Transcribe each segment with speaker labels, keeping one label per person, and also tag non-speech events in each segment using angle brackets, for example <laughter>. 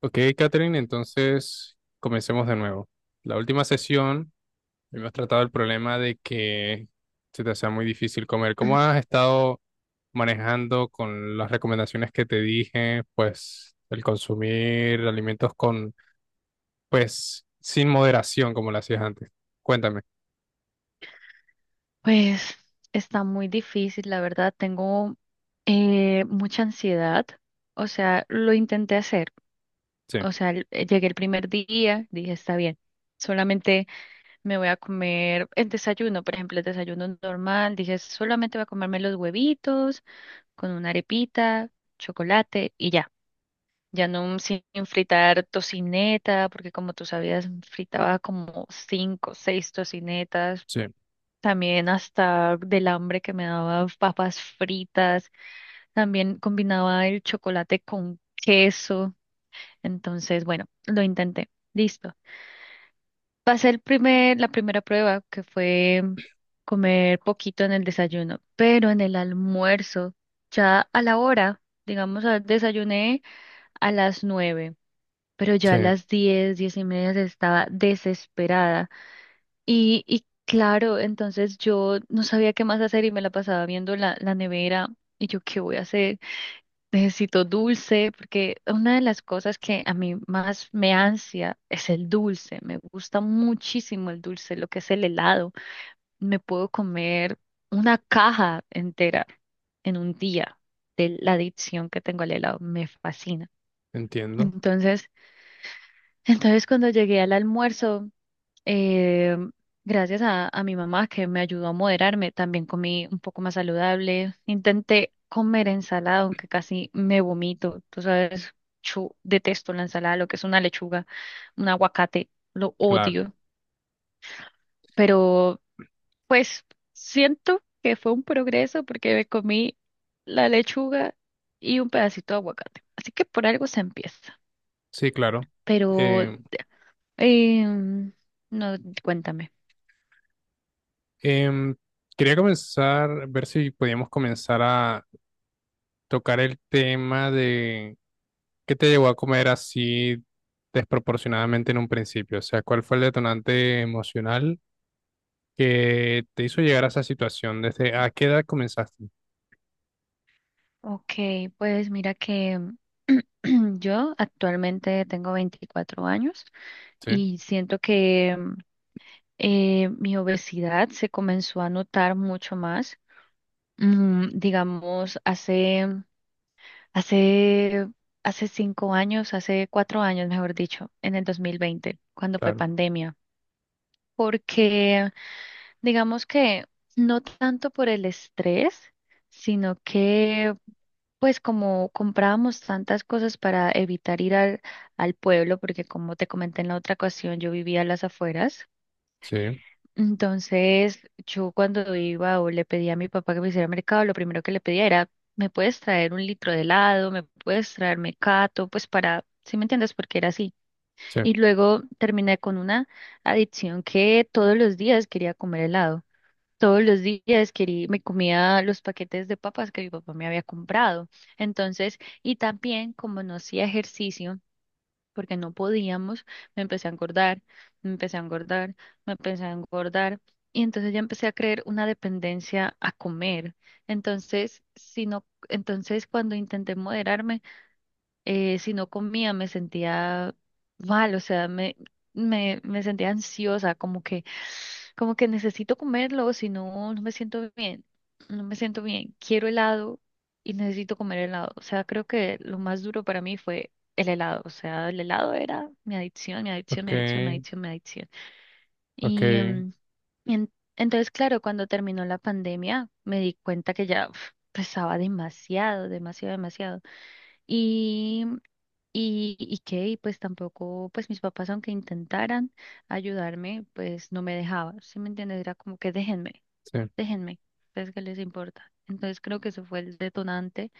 Speaker 1: Ok, Catherine, entonces comencemos de nuevo. La última sesión hemos tratado el problema de que se te hacía muy difícil comer. ¿Cómo
Speaker 2: <clears throat>
Speaker 1: has estado manejando con las recomendaciones que te dije? Pues el consumir alimentos con, pues, sin moderación como lo hacías antes. Cuéntame.
Speaker 2: Pues está muy difícil, la verdad. Tengo mucha ansiedad. O sea, lo intenté hacer.
Speaker 1: Sí,
Speaker 2: O sea, llegué el primer día, dije, está bien. Solamente me voy a comer el desayuno, por ejemplo, el desayuno normal. Dije, solamente voy a comerme los huevitos con una arepita, chocolate y ya. Ya no sin fritar tocineta, porque como tú sabías, fritaba como cinco, seis tocinetas.
Speaker 1: sí,
Speaker 2: También hasta del hambre que me daba papas fritas. También combinaba el chocolate con queso. Entonces, bueno, lo intenté. Listo. Pasé la primera prueba, que fue comer poquito en el desayuno, pero en el almuerzo, ya a la hora, digamos, desayuné a las nueve, pero ya
Speaker 1: sí,
Speaker 2: a las diez, diez y media estaba desesperada. Y claro, entonces yo no sabía qué más hacer y me la pasaba viendo la nevera y yo, ¿qué voy a hacer? Necesito dulce, porque una de las cosas que a mí más me ansia es el dulce. Me gusta muchísimo el dulce, lo que es el helado. Me puedo comer una caja entera en un día de la adicción que tengo al helado. Me fascina.
Speaker 1: entiendo.
Speaker 2: Entonces, entonces cuando llegué al almuerzo eh, gracias a mi mamá que me ayudó a moderarme, también comí un poco más saludable. Intenté comer ensalada, aunque casi me vomito. Tú sabes, yo detesto la ensalada, lo que es una lechuga, un aguacate, lo
Speaker 1: Claro,
Speaker 2: odio. Pero pues siento que fue un progreso porque me comí la lechuga y un pedacito de aguacate. Así que por algo se empieza.
Speaker 1: sí, claro.
Speaker 2: Pero,
Speaker 1: Eh,
Speaker 2: em, no, cuéntame.
Speaker 1: em, Quería comenzar, ver si podíamos comenzar a tocar el tema de qué te llevó a comer así desproporcionadamente en un principio. O sea, ¿cuál fue el detonante emocional que te hizo llegar a esa situación? ¿Desde a qué edad comenzaste?
Speaker 2: Ok, pues mira que <clears throat> yo actualmente tengo 24 años
Speaker 1: Sí,
Speaker 2: y siento que mi obesidad se comenzó a notar mucho más. Digamos, hace, hace cinco años, hace cuatro años, mejor dicho, en el 2020, cuando fue
Speaker 1: claro.
Speaker 2: pandemia. Porque digamos que no tanto por el estrés, sino que pues como comprábamos tantas cosas para evitar ir al pueblo, porque como te comenté en la otra ocasión, yo vivía a las afueras.
Speaker 1: Sí,
Speaker 2: Entonces, yo cuando iba o le pedía a mi papá que me hiciera mercado, lo primero que le pedía era, ¿me puedes traer un litro de helado? ¿Me puedes traer mecato? Pues para, ¿sí me entiendes? Porque era así.
Speaker 1: sí.
Speaker 2: Y luego terminé con una adicción que todos los días quería comer helado. Todos los días quería, me comía los paquetes de papas que mi papá me había comprado. Entonces, y también como no hacía ejercicio, porque no podíamos, me empecé a engordar, me empecé a engordar, me empecé a engordar. Y entonces ya empecé a creer una dependencia a comer. Entonces, si no, entonces cuando intenté moderarme, si no comía me sentía mal, o sea, me sentía ansiosa, como que necesito comerlo, si no, no me siento bien, no me siento bien, quiero helado y necesito comer helado, o sea, creo que lo más duro para mí fue el helado, o sea, el helado era mi adicción, mi adicción,
Speaker 1: Ok,
Speaker 2: mi adicción, mi adicción, mi adicción.
Speaker 1: ok,
Speaker 2: Y, entonces, claro, cuando terminó la pandemia, me di cuenta que ya uf, pesaba demasiado, demasiado, demasiado. Y pues tampoco, pues mis papás aunque intentaran ayudarme, pues no me dejaban, ¿sí me entiendes? Era como que déjenme,
Speaker 1: sí,
Speaker 2: déjenme, pues que les importa. Entonces creo que eso fue el detonante,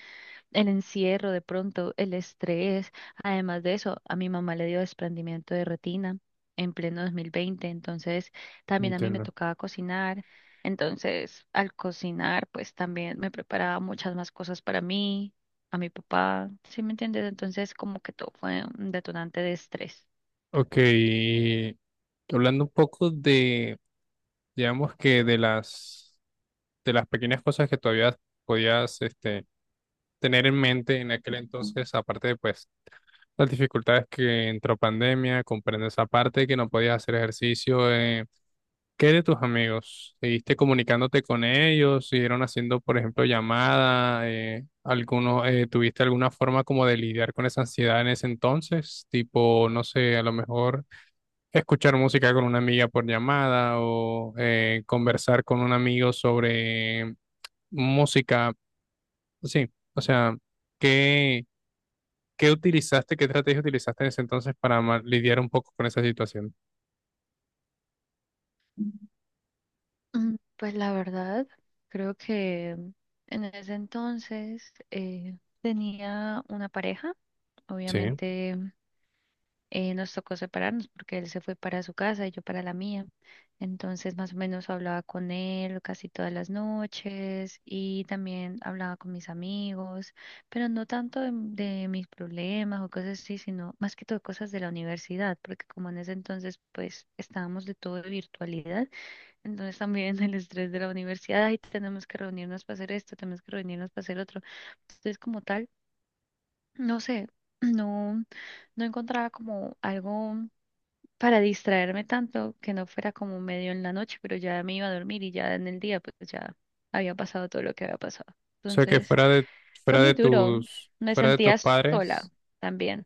Speaker 2: el encierro de pronto, el estrés. Además de eso, a mi mamá le dio desprendimiento de retina en pleno 2020, entonces también a mí me
Speaker 1: entiendo.
Speaker 2: tocaba cocinar. Entonces, al cocinar, pues también me preparaba muchas más cosas para mí, a mi papá, ¿sí me entiendes? Entonces, como que todo fue un detonante de estrés.
Speaker 1: Ok, y hablando un poco de, digamos que de las pequeñas cosas que todavía podías, este, tener en mente en aquel entonces, aparte de pues las dificultades que entró pandemia, comprendo esa parte, que no podías hacer ejercicio. ¿Qué de tus amigos? ¿Seguiste comunicándote con ellos? ¿Siguieron haciendo, por ejemplo, llamada? ¿Alguno, ¿tuviste alguna forma como de lidiar con esa ansiedad en ese entonces? Tipo, no sé, a lo mejor escuchar música con una amiga por llamada o conversar con un amigo sobre música. Sí, o sea, ¿qué? ¿Qué utilizaste, qué estrategia utilizaste en ese entonces para lidiar un poco con esa situación?
Speaker 2: Pues la verdad, creo que en ese entonces tenía una pareja,
Speaker 1: Sí.
Speaker 2: obviamente. Nos tocó separarnos porque él se fue para su casa y yo para la mía. Entonces, más o menos hablaba con él casi todas las noches y también hablaba con mis amigos, pero no tanto de mis problemas o cosas así, sino más que todo cosas de la universidad, porque como en ese entonces, pues estábamos de todo de virtualidad, entonces también <laughs> el estrés de la universidad, y tenemos que reunirnos para hacer esto, tenemos que reunirnos para hacer otro. Entonces, como tal, no sé, <clears throat> no, no encontraba como algo para distraerme tanto que no fuera como medio en la noche, pero ya me iba a dormir y ya en el día pues ya había pasado todo lo que había pasado.
Speaker 1: O sea que
Speaker 2: Entonces fue muy duro, me
Speaker 1: fuera de tus
Speaker 2: sentía sola
Speaker 1: padres,
Speaker 2: también.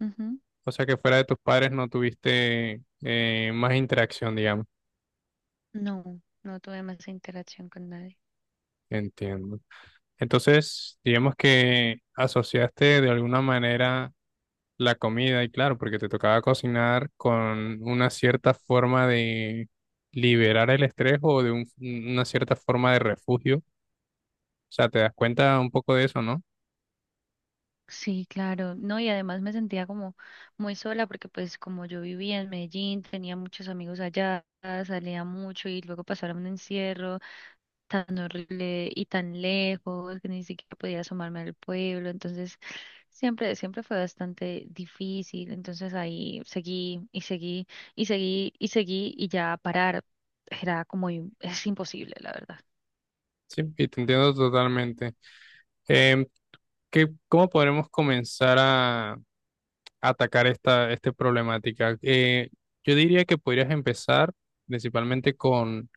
Speaker 2: Ujú.
Speaker 1: o sea que fuera de tus padres no tuviste más interacción, digamos.
Speaker 2: No, no tuve más interacción con nadie.
Speaker 1: Entiendo. Entonces, digamos que asociaste de alguna manera la comida, y claro, porque te tocaba cocinar con una cierta forma de liberar el estrés o de una cierta forma de refugio. O sea, te das cuenta un poco de eso, ¿no?
Speaker 2: Sí, claro, no, y además me sentía como muy sola porque pues como yo vivía en Medellín, tenía muchos amigos allá, salía mucho y luego pasaron un encierro tan horrible y tan lejos que ni siquiera podía asomarme al pueblo. Entonces, siempre, siempre fue bastante difícil. Entonces ahí seguí y seguí y seguí y seguí y ya parar era como es imposible, la verdad.
Speaker 1: Sí, y te entiendo totalmente. Em, ¿Qué- cómo podremos comenzar a atacar esta, esta problemática? Yo diría que podrías empezar principalmente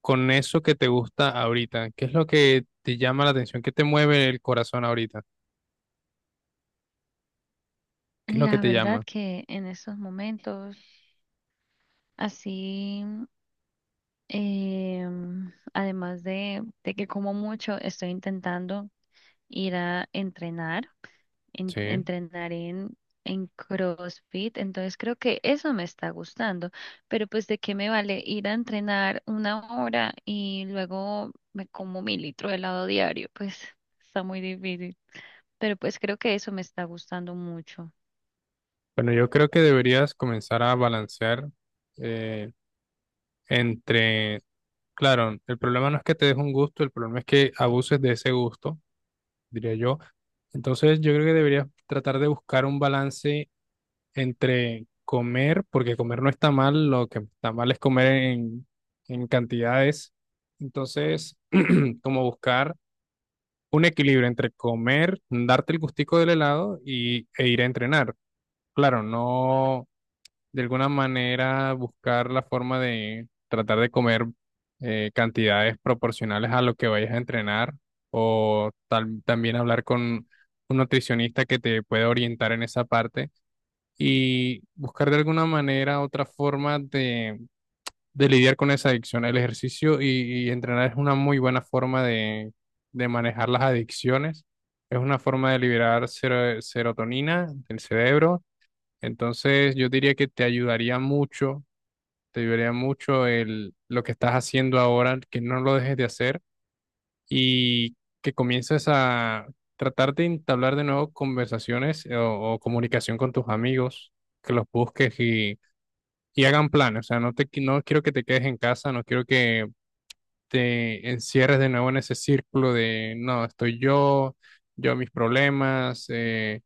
Speaker 1: con eso que te gusta ahorita. ¿Qué es lo que te llama la atención? ¿Qué te mueve el corazón ahorita? ¿Qué es lo que
Speaker 2: La
Speaker 1: te
Speaker 2: verdad
Speaker 1: llama?
Speaker 2: que en estos momentos, así. Además de que como mucho, estoy intentando ir a entrenar,
Speaker 1: Sí.
Speaker 2: entrenar en CrossFit, entonces creo que eso me está gustando, pero pues de qué me vale ir a entrenar una hora y luego me como mi litro de helado diario, pues está muy difícil, pero pues creo que eso me está gustando mucho.
Speaker 1: Bueno, yo creo que deberías comenzar a balancear eh, entre, claro, el problema no es que te des un gusto, el problema es que abuses de ese gusto, diría yo. Entonces, yo creo que deberías tratar de buscar un balance entre comer, porque comer no está mal, lo que está mal es comer en cantidades. Entonces, <clears throat> como buscar un equilibrio entre comer, darte el gustico del helado y, e ir a entrenar. Claro, no, de alguna manera buscar la forma de tratar de comer cantidades proporcionales a lo que vayas a entrenar o también hablar con un nutricionista que te pueda orientar en esa parte y buscar de alguna manera otra forma de lidiar con esa adicción. El ejercicio y entrenar es una muy buena forma de manejar las adicciones. Es una forma de liberar serotonina del cerebro. Entonces, yo diría que te ayudaría mucho el, lo que estás haciendo ahora, que no lo dejes de hacer y que comiences a tratar de entablar de nuevo conversaciones o comunicación con tus amigos, que los busques y hagan planes. O sea, no te, no quiero que te quedes en casa, no quiero que te encierres de nuevo en ese círculo de, no, estoy yo, yo mis problemas,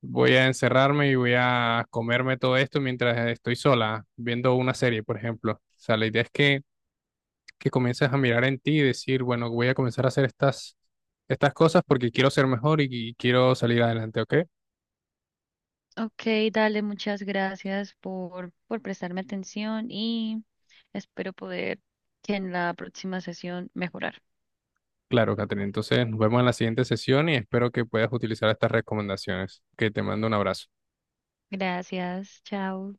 Speaker 1: voy a encerrarme y voy a comerme todo esto mientras estoy sola viendo una serie, por ejemplo. O sea, la idea es que comiences a mirar en ti y decir, bueno, voy a comenzar a hacer estas, estas cosas porque quiero ser mejor y quiero salir adelante, ¿ok?
Speaker 2: Ok, dale, muchas gracias por prestarme atención y espero poder que en la próxima sesión mejorar.
Speaker 1: Claro, Catherine. Entonces nos vemos en la siguiente sesión y espero que puedas utilizar estas recomendaciones. Que te mando un abrazo.
Speaker 2: Gracias, chao.